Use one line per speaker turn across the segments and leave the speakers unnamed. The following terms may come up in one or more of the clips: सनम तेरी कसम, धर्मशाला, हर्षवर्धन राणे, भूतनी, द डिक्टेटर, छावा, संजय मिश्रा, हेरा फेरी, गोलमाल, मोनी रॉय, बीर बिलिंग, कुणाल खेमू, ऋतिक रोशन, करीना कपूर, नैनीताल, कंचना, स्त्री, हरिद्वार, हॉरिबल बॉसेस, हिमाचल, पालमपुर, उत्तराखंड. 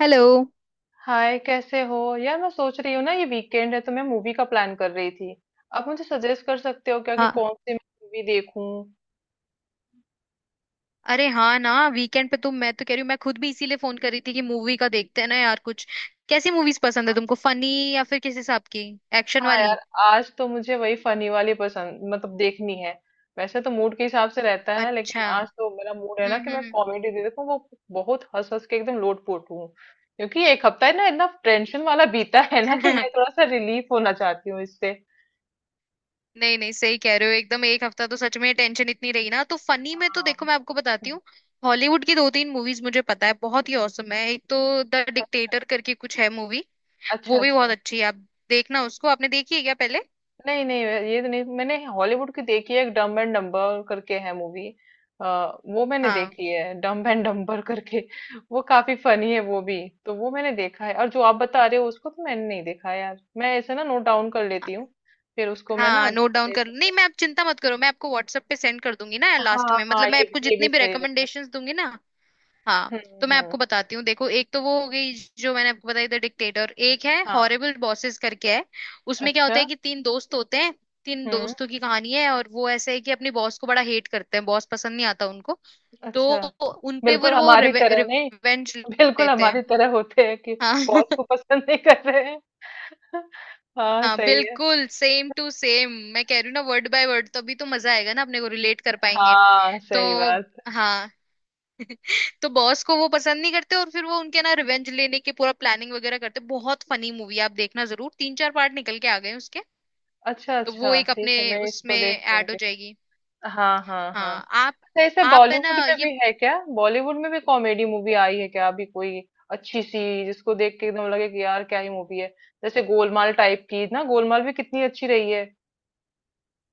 Hello.
Hi कैसे हो यार। मैं सोच रही हूँ ना, ये वीकेंड है तो मैं मूवी का प्लान कर रही थी। आप मुझे सजेस्ट कर सकते हो क्या कि
हाँ।
कौन सी मूवी देखूं?
अरे हाँ ना, वीकेंड पे तुम, मैं तो कह रही हूँ, मैं खुद भी इसीलिए फोन कर रही थी कि मूवी का देखते हैं ना यार कुछ। कैसी मूवीज पसंद है तुमको? फनी, या फिर किस हिसाब की? एक्शन
हाँ
वाली?
यार, आज तो मुझे वही फनी वाली पसंद, मतलब देखनी है। वैसे तो मूड के हिसाब से रहता है, लेकिन
अच्छा।
आज तो मेरा मूड है ना कि मैं
हम्म।
कॉमेडी दे देखूं वो। बहुत हंस हंस के एकदम लोटपोट हूँ। क्योंकि एक हफ्ता है ना, इतना टेंशन वाला बीता है ना, कि मैं थोड़ा सा रिलीफ होना चाहती हूँ इससे।
नहीं नहीं, सही कह रहे हो एकदम। एक हफ्ता तो सच में टेंशन इतनी रही ना। तो फनी में तो
हाँ।
देखो, मैं आपको बताती
हम्म।
हूँ। हॉलीवुड की दो तीन मूवीज मुझे पता है, बहुत ही औसम है। एक तो द डिक्टेटर करके कुछ है मूवी।
अच्छा
वो भी बहुत
अच्छा।
अच्छी है, आप देखना उसको। आपने देखी है क्या पहले?
नहीं नहीं, ये तो नहीं, मैंने हॉलीवुड की देखी है एक, डम्ब एंड डम्बर करके है मूवी। वो मैंने
हाँ
देखी है, डम्ब एंड डम्बर करके। वो काफी फनी है वो भी। तो वो मैंने देखा है, और जो आप बता रहे हो उसको तो मैंने नहीं देखा यार। मैं ऐसे ना नोट डाउन कर लेती हूँ, फिर उसको मैं ना
हाँ, नोट डाउन कर,
देखूंगी।
नहीं मैं, आप चिंता मत करो, मैं आपको व्हाट्सएप पे सेंड कर दूंगी ना लास्ट
हाँ
में।
हाँ,
मतलब मैं आपको
ये भी
जितनी भी
सही रहता
रिकमेंडेशंस दूंगी ना। हाँ,
है।
तो मैं
हम्म।
आपको बताती हूँ। देखो, एक तो वो हो गई जो मैंने आपको बताई, द डिक्टेटर। एक है
हाँ।
हॉरिबल बॉसेस करके है। उसमें क्या
अच्छा।
होता है कि तीन दोस्त होते हैं। तीन
हम्म।
दोस्तों की कहानी है, और वो ऐसे है कि अपने बॉस को बड़ा हेट करते हैं, बॉस पसंद नहीं आता उनको। तो
अच्छा।
उनपे
बिल्कुल
फिर वो
हमारी तरह नहीं।
रिवेंज
बिल्कुल
लेते हैं।
हमारी तरह होते हैं कि
हाँ।
बॉस को पसंद नहीं कर रहे हैं। हाँ
हाँ
सही है।
बिल्कुल सेम टू सेम, मैं कह रही हूँ ना, वर्ड बाय वर्ड। तो अभी तो मजा आएगा ना, अपने को रिलेट कर पाएंगे।
हाँ
तो
सही बात।
हाँ, तो बॉस को वो पसंद नहीं करते और फिर वो उनके ना रिवेंज लेने के पूरा प्लानिंग वगैरह करते। बहुत फनी मूवी है, आप देखना जरूर। तीन चार पार्ट निकल के आ गए हैं उसके।
अच्छा
तो
अच्छा,
वो एक
ठीक
अपने
है, मैं इसको
उसमें
देख
ऐड हो
लूंगी।
जाएगी।
हाँ हाँ हाँ।
हाँ। आप
अच्छा, ऐसे
आप है
बॉलीवुड
ना
में
ये
भी है क्या? बॉलीवुड में भी कॉमेडी मूवी आई है क्या अभी कोई अच्छी सी, जिसको देख के एकदम लगे कि यार क्या ही मूवी है? जैसे गोलमाल टाइप की ना, गोलमाल भी कितनी अच्छी रही है।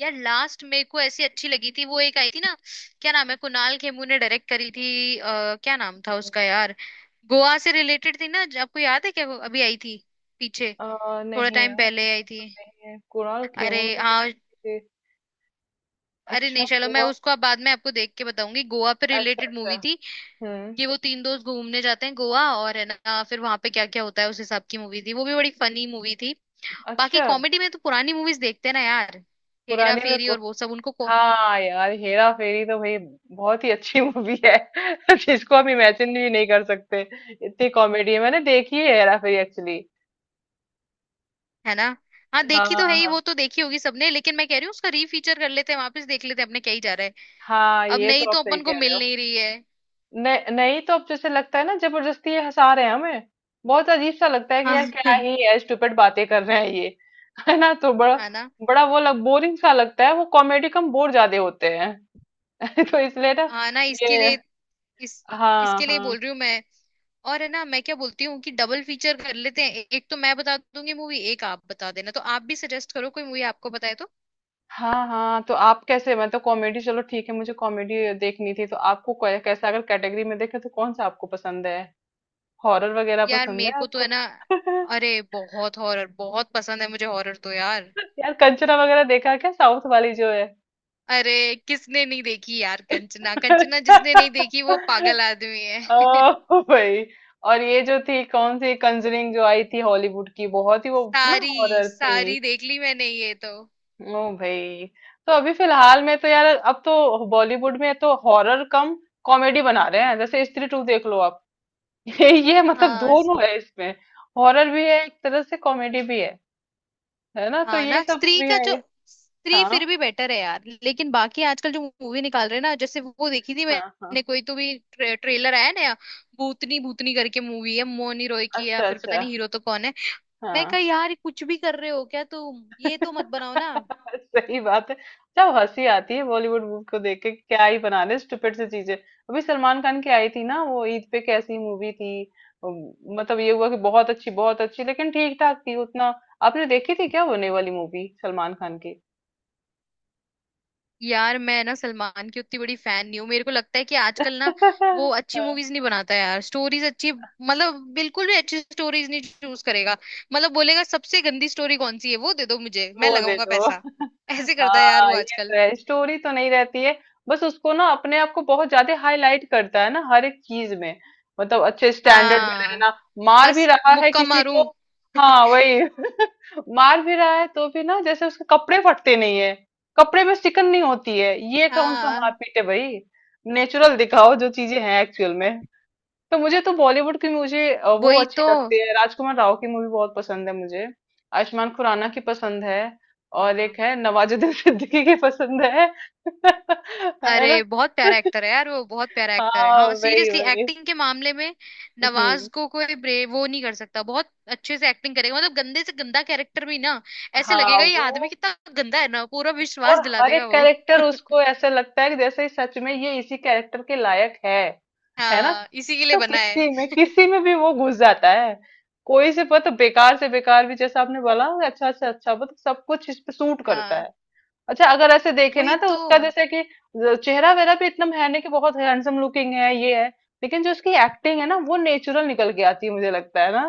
यार, लास्ट मेरे को ऐसी अच्छी लगी थी, वो एक आई थी ना। क्या नाम है, कुणाल खेमू ने डायरेक्ट करी थी, क्या नाम था
हम्म।
उसका यार? गोवा से रिलेटेड थी ना, आपको याद है क्या? वो अभी आई थी पीछे, थोड़ा
नहीं
टाइम
यार,
पहले
ऐसा
आई
तो
थी।
नहीं है कुणाल
अरे
खेमू ने
हाँ।
डायरेक्ट की थी।
अरे
अच्छा
नहीं, चलो मैं
हुआ।
उसको अब बाद में आपको देख के बताऊंगी। गोवा पे
अच्छा
रिलेटेड
अच्छा।
मूवी थी
हम्म।
कि वो तीन दोस्त घूमने जाते हैं गोवा, और है ना, फिर वहां पे क्या क्या होता है, उस हिसाब की मूवी थी। वो भी बड़ी फनी मूवी थी। बाकी
अच्छा।
कॉमेडी में तो पुरानी मूवीज देखते हैं ना यार, हेरा
पुराने में
फेरी
को-
और वो सब उनको।
हाँ यार, हेरा फेरी तो भाई बहुत ही अच्छी मूवी है। जिसको हम इमेजिन भी नहीं कर सकते, इतनी कॉमेडी है। मैंने देखी है हेरा फेरी एक्चुअली।
है ना। हाँ
हाँ
देखी तो है ही,
हाँ।
वो तो देखी होगी सबने, लेकिन मैं कह रही हूँ उसका रीफीचर कर लेते हैं, वापस देख लेते हैं, अपने क्या ही जा रहा है।
हाँ
अब
ये
नहीं
तो
तो
आप सही
अपन को
कह रहे
मिल
हो।
नहीं रही है।
नहीं नहीं तो, अब जैसे लगता है ना जबरदस्ती ये हंसा रहे हैं हमें। बहुत अजीब सा लगता है कि
हाँ।
यार क्या ही है, स्टूपिड बातें कर रहे हैं ये। है ना, तो बड़ा
है ना।
बड़ा वो लग बोरिंग सा लगता है। वो कॉमेडी कम बोर ज्यादा होते हैं। तो इसलिए ना
हाँ ना,
ये।
इस
हाँ
इसके लिए बोल
हाँ
रही हूँ मैं। और है ना, मैं क्या बोलती हूँ कि डबल फीचर कर लेते हैं। एक तो मैं बता दूंगी मूवी, एक आप बता देना। तो आप भी सजेस्ट करो कोई मूवी आपको बताए तो।
हाँ हाँ, तो आप कैसे? मैं तो कॉमेडी, चलो ठीक है, मुझे कॉमेडी देखनी थी, तो आपको कैसा, अगर कैटेगरी में देखें तो कौन सा आपको पसंद है? हॉरर वगैरह
यार
पसंद
मेरे
है
को तो
आपको?
है ना, अरे बहुत हॉरर, बहुत पसंद है मुझे, हॉरर तो यार।
यार कंचना वगैरह देखा क्या, साउथ वाली जो है?
अरे, किसने नहीं देखी यार कंचना! कंचना
अच्छा।
जिसने नहीं देखी वो पागल आदमी है।
ओ भाई। और ये जो थी कौन सी कंजरिंग जो आई थी हॉलीवुड की, बहुत ही वो ना
सारी
हॉरर थी।
सारी देख ली मैंने ये तो।
ओ भाई। तो अभी फिलहाल में तो यार, अब तो बॉलीवुड में तो हॉरर कम कॉमेडी बना रहे हैं। जैसे स्त्री टू देख लो आप। ये मतलब
हाँ
दोनों है इसमें, हॉरर भी है एक तरह से, कॉमेडी भी है। है ना, तो
हाँ
ये
ना,
सब
स्त्री
मूवी
का
है
जो,
ये।
स्त्री
हाँ
फिर भी बेटर है यार, लेकिन बाकी आजकल जो मूवी निकाल रहे हैं ना, जैसे वो देखी थी
हाँ हाँ।
मैंने कोई, तो भी ट्रेलर आया नया, भूतनी भूतनी करके मूवी है मोनी रॉय की, या
अच्छा
फिर पता
अच्छा।
नहीं हीरो तो कौन है। मैं कहा,
हाँ।
यार कुछ भी कर रहे हो क्या तुम? ये तो मत बनाओ ना।
सही बात है। जब हंसी आती है बॉलीवुड मूवी को देख के कि क्या ही बना ले स्टूपिड सी चीजें। अभी सलमान खान की आई थी ना, वो ईद पे कैसी मूवी थी। अम, मतलब, ये हुआ कि बहुत अच्छी बहुत अच्छी, लेकिन ठीक ठाक थी उतना। आपने देखी थी क्या होने वाली मूवी, सलमान खान की?
यार मैं ना सलमान की उतनी बड़ी फैन नहीं हूँ, मेरे को लगता है कि आजकल ना वो अच्छी मूवीज नहीं बनाता यार। स्टोरीज अच्छी, मतलब बिल्कुल भी अच्छी स्टोरीज नहीं चूज करेगा। मतलब बोलेगा सबसे गंदी स्टोरी कौन सी है, वो दे दो मुझे, मैं
वो दे
लगाऊंगा
दो।
पैसा। ऐसे करता है यार वो
हाँ ये
आजकल।
तो है, स्टोरी तो नहीं रहती है, बस उसको ना अपने आप को बहुत ज्यादा हाईलाइट करता है ना हर एक चीज में। मतलब अच्छे स्टैंडर्ड में
हाँ
रहना। मार
बस,
भी रहा है
मुक्का
किसी
मारूं।
को। हाँ वही। मार भी रहा है तो भी ना, जैसे उसके कपड़े फटते नहीं है, कपड़े में सिकन नहीं होती है। ये कौन सा
हाँ
मारपीट है भाई? नेचुरल दिखाओ जो चीजें हैं एक्चुअल में। तो मुझे तो बॉलीवुड की, मुझे वो
वही
अच्छी
तो।
लगती है राजकुमार राव की मूवी, बहुत पसंद है मुझे। आयुष्मान खुराना की पसंद है। और एक
हाँ,
है नवाजुद्दीन सिद्दीकी की पसंद है। है ना।
अरे बहुत प्यारा एक्टर है यार वो, बहुत प्यारा एक्टर है।
हाँ
हाँ
वही
सीरियसली,
वही।
एक्टिंग के मामले में नवाज
हम्म।
को कोई ब्रे, वो नहीं कर सकता। बहुत अच्छे से एक्टिंग करेगा, मतलब गंदे से गंदा कैरेक्टर भी ना ऐसे
हाँ
लगेगा ये आदमी
वो।
कितना गंदा है ना, पूरा विश्वास
और
दिला
हर एक
देगा वो।
कैरेक्टर उसको ऐसे लगता है कि जैसे सच में ये इसी कैरेक्टर के लायक है। है ना,
हाँ, इसी के लिए
तो
बना है।
किसी में भी वो घुस जाता है। कोई से पता बेकार से बेकार भी, जैसे आपने बोला, अच्छा से अच्छा मतलब सब कुछ इस पे सूट करता
हाँ
है। अच्छा, अगर ऐसे देखे
वही
ना तो
तो।
उसका, जैसे कि चेहरा वेरा भी इतना है नहीं कि बहुत हैंडसम लुकिंग है ये है। लेकिन जो उसकी एक्टिंग है ना, वो नेचुरल निकल के आती है मुझे लगता है ना।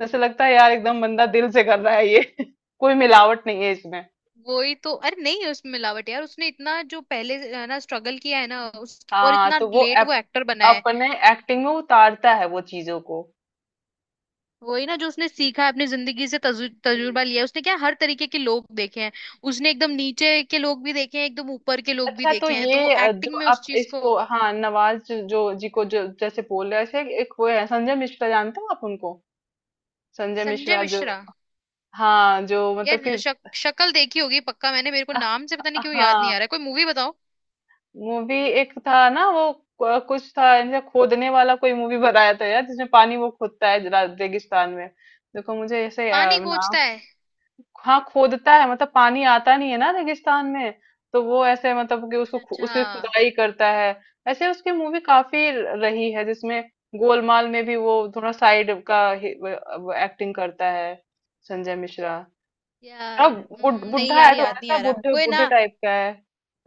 जैसे लगता है यार एकदम बंदा दिल से कर रहा है ये। कोई मिलावट नहीं है इसमें।
वही तो, अरे नहीं है उसमें मिलावट यार, उसने इतना जो पहले ना स्ट्रगल किया है ना, उस और
हाँ
इतना
तो वो
लेट वो एक्टर बना है।
अपने एक्टिंग में उतारता है वो चीजों को।
वही ना, जो उसने सीखा है अपनी जिंदगी से,
हम्म,
तजुर्बा लिया है। उसने क्या हर तरीके के लोग देखे हैं। उसने एकदम नीचे के लोग भी देखे हैं, एकदम ऊपर के लोग भी
अच्छा तो
देखे हैं, तो वो
ये जो
एक्टिंग में उस
आप
चीज को,
इसको, हाँ नवाज जो जो- जी को
हम्म,
जो जैसे बोल रहे थे, एक वो है संजय मिश्रा। जानते हो आप उनको? संजय
संजय
मिश्रा जो।
मिश्रा।
हाँ जो मतलब कि
यार शक्ल देखी होगी पक्का मैंने, मेरे को
अह,
नाम से पता नहीं क्यों याद नहीं आ
हाँ
रहा है, कोई मूवी बताओ।
मूवी एक था ना वो, कुछ था ऐसे खोदने वाला कोई मूवी बनाया था यार, जिसमें पानी वो खोदता है रेगिस्तान में। देखो मुझे ऐसे
पानी खोजता
नाम,
है?
हाँ खोदता है मतलब पानी आता नहीं है ना रेगिस्तान में। तो वो ऐसे मतलब कि उसको
अच्छा अच्छा।
उसकी खुदाई करता है। ऐसे उसकी मूवी काफी रही है जिसमें। गोलमाल में भी वो थोड़ा साइड का एक्टिंग करता है। संजय मिश्रा। अब
यार नहीं
बुढ़ा
यार
है
याद
थोड़ा
नहीं
सा,
आ रहा
बुढ़े
कोई ना।
बुढ़े टाइप का है।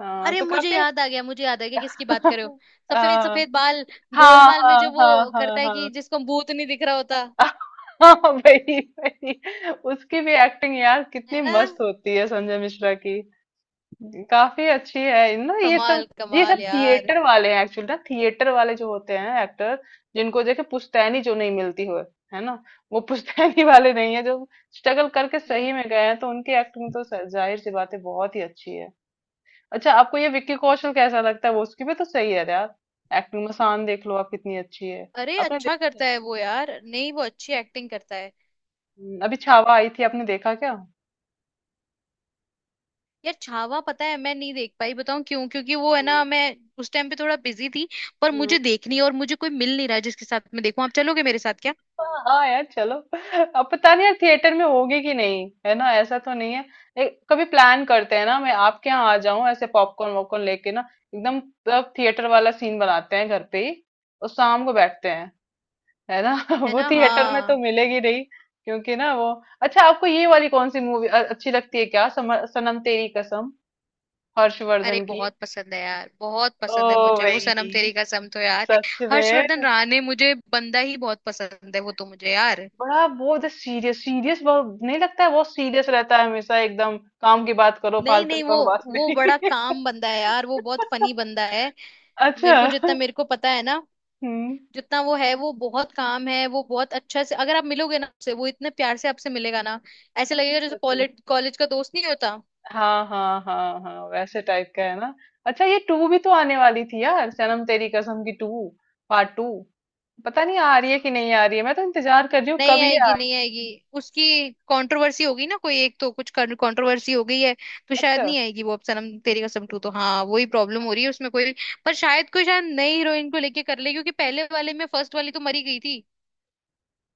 हाँ
अरे
तो
मुझे
काफी।
याद आ गया, मुझे याद आ गया किसकी बात कर रहे हो। सफेद
हाँ
सफेद बाल।
हाँ
गोलमाल में
हाँ
जो वो
हाँ हाँ
करता है
हाँ।
कि जिसको भूत नहीं दिख रहा होता।
वही वही। उसकी भी एक्टिंग यार कितनी
है ना,
मस्त होती है संजय मिश्रा की। काफी अच्छी है ना ये सब।
कमाल,
ये सब
कमाल यार।
थिएटर वाले हैं एक्चुअली ना। थिएटर वाले जो होते हैं एक्टर, जिनको देखे पुश्तैनी जो नहीं मिलती हो, है ना। वो पुश्तैनी वाले नहीं है जो स्ट्रगल करके सही
हम्म।
में गए हैं। तो उनकी एक्टिंग तो जाहिर सी बात है बहुत ही अच्छी है। अच्छा आपको ये विक्की कौशल कैसा लगता है? वो उसकी भी तो सही है यार। एक्टिंग में शान देख लो आप, कितनी अच्छी है।
अरे
आपने
अच्छा
देखा है?
करता है वो यार, नहीं वो अच्छी एक्टिंग करता है।
अभी छावा आई थी, आपने देखा क्या?
यार छावा पता है मैं नहीं देख पाई, बताऊं क्यों? क्योंकि वो है ना, मैं उस टाइम पे थोड़ा बिजी थी। पर
हाँ
मुझे देखनी है, और मुझे कोई मिल नहीं रहा जिसके साथ मैं देखूं, आप चलोगे मेरे साथ क्या?
हाँ यार चलो। अब पता नहीं यार थिएटर में होगी कि नहीं, है ना? ऐसा तो नहीं है। कभी प्लान करते हैं ना, मैं आपके यहाँ आ जाऊं ऐसे पॉपकॉर्न वॉपकॉर्न लेके ना, एकदम तब थिएटर वाला सीन बनाते हैं घर पे ही, और शाम को बैठते हैं, है ना।
है
वो
ना।
थिएटर में तो
हाँ,
मिलेगी नहीं, क्योंकि ना वो। अच्छा आपको ये वाली कौन सी मूवी अच्छी लगती है क्या, सनम तेरी कसम,
अरे
हर्षवर्धन की?
बहुत पसंद है यार, बहुत
ओ
पसंद है मुझे वो सनम
भाई।
तेरी कसम तो यार।
सच
हर्षवर्धन
में।
राणे, मुझे बंदा ही बहुत पसंद है वो तो मुझे यार।
बड़ा वो जो सीरियस सीरियस बहुत नहीं लगता है, बहुत सीरियस रहता है हमेशा एकदम। काम की बात करो,
नहीं
फालतू की
नहीं, वो
बकवास
वो बड़ा
नहीं।
काम बंदा है यार, वो बहुत फनी बंदा है।
अच्छा।
मेरे को जितना मेरे को पता है ना,
हम्म।
जितना वो है वो बहुत काम है। वो बहुत अच्छा से, अगर आप मिलोगे ना उससे, वो इतने प्यार से आपसे मिलेगा ना। ऐसे
अच्छा
लगेगा जैसे
अच्छा।
कॉलेज कॉलेज का दोस्त, नहीं होता।
हाँ हाँ हाँ हाँ, वैसे टाइप का है ना। अच्छा ये टू भी तो आने वाली थी यार, सनम तेरी कसम की टू, पार्ट टू। पता नहीं आ रही है कि नहीं आ रही है, मैं तो इंतजार कर रही हूँ
नहीं
कब ये
आएगी,
आए।
नहीं आएगी। उसकी कंट्रोवर्सी होगी ना, कोई एक तो कुछ कंट्रोवर्सी हो गई है। तो शायद
अच्छा।
नहीं आएगी वो, अब सनम तेरी कसम टू तो, हाँ वही प्रॉब्लम हो रही है उसमें कोई। पर शायद कोई, शायद नई हीरोइन को लेके कर ले, क्योंकि पहले वाले में फर्स्ट वाली तो मरी गई थी।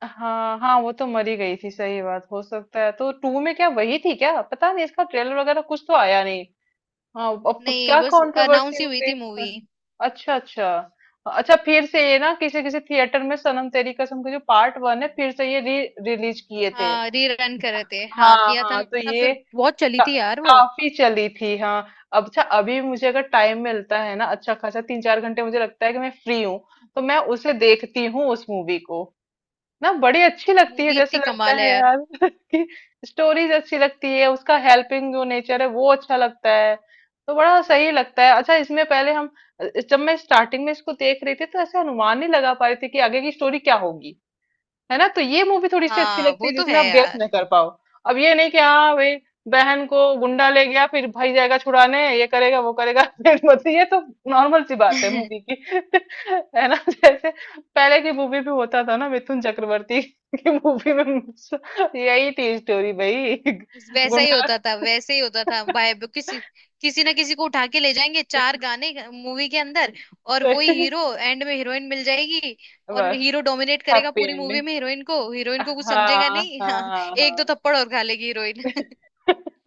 हाँ हाँ वो तो मरी गई थी, सही बात। हो सकता है तो टू में क्या वही थी, क्या पता नहीं, इसका ट्रेलर वगैरह कुछ तो आया नहीं। हाँ, अब तो
नहीं
क्या
बस अनाउंस
कंट्रोवर्सी
ही
हो
हुई
गई
थी
इसमें।
मूवी।
अच्छा अच्छा। अच्छा फिर से ये ना किसी किसी थिएटर में सनम तेरी कसम के जो पार्ट वन है, फिर से ये री रिलीज किए थे।
हाँ रीरन कर रहे थे, हाँ
हाँ
किया था
हाँ तो
ना,
ये
फिर बहुत चली
का,
थी यार वो।
काफी चली थी हाँ। अब अच्छा, अभी मुझे अगर टाइम मिलता है ना अच्छा खासा, तीन चार घंटे, मुझे लगता है कि मैं फ्री हूँ, तो मैं उसे देखती हूँ उस मूवी को ना, बड़ी अच्छी लगती है।
मूवी
जैसे
इतनी
लगता
कमाल है
है
यार।
यार कि स्टोरीज अच्छी लगती है, उसका हेल्पिंग जो नेचर है वो अच्छा लगता है, तो बड़ा सही लगता है। अच्छा इसमें पहले हम, जब मैं स्टार्टिंग में इसको देख रही थी तो ऐसे अनुमान नहीं लगा पा रही थी कि आगे की स्टोरी क्या होगी। है ना, तो ये मूवी थोड़ी सी अच्छी
हाँ
लगती
वो
है
तो है
जिसमें आप गेस
यार।
न कर पाओ। अब ये नहीं कि हाँ भाई बहन को गुंडा ले गया फिर भाई जाएगा छुड़ाने, ये करेगा वो करेगा, फिर मतलब ये तो नॉर्मल सी बात है मूवी की। है ना जैसे पहले की मूवी भी होता था ना, मिथुन चक्रवर्ती की मूवी में यही थी स्टोरी भाई।
वैसा ही
गुंडा।
होता था, वैसे ही होता था भाई, अब किसी किसी ना किसी को उठा के ले जाएंगे, चार गाने मूवी के अंदर, और वही हीरो एंड में हीरोइन मिल जाएगी। और
बस
हीरो डोमिनेट करेगा
हैप्पी
पूरी मूवी
एंडिंग।
में हीरोइन को, हीरोइन को कुछ समझेगा
हाँ
नहीं। हाँ,
हाँ
एक दो
हाँ।
थप्पड़ और खा लेगी हीरोइन।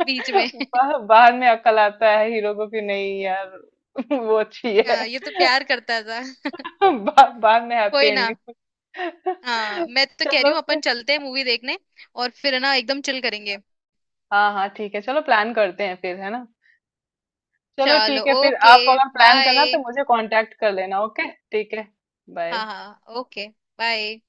बीच में।
बाद में अकल आता है हीरो को कि नहीं यार। वो अच्छी है।
हाँ, ये तो प्यार करता था।
बाद में हैप्पी
कोई ना।
एंडिंग।
हाँ मैं तो कह रही
चलो
हूँ
फिर।
अपन चलते हैं मूवी देखने, और फिर ना एकदम चिल करेंगे।
हाँ हाँ ठीक है, चलो प्लान करते हैं फिर, है ना। चलो
चलो।
ठीक है फिर,
ओके।
आप अगर प्लान
बाय।
करना तो मुझे कांटेक्ट कर लेना, ओके? ठीक है। बाय।
हाँ हाँ ओके। बाय।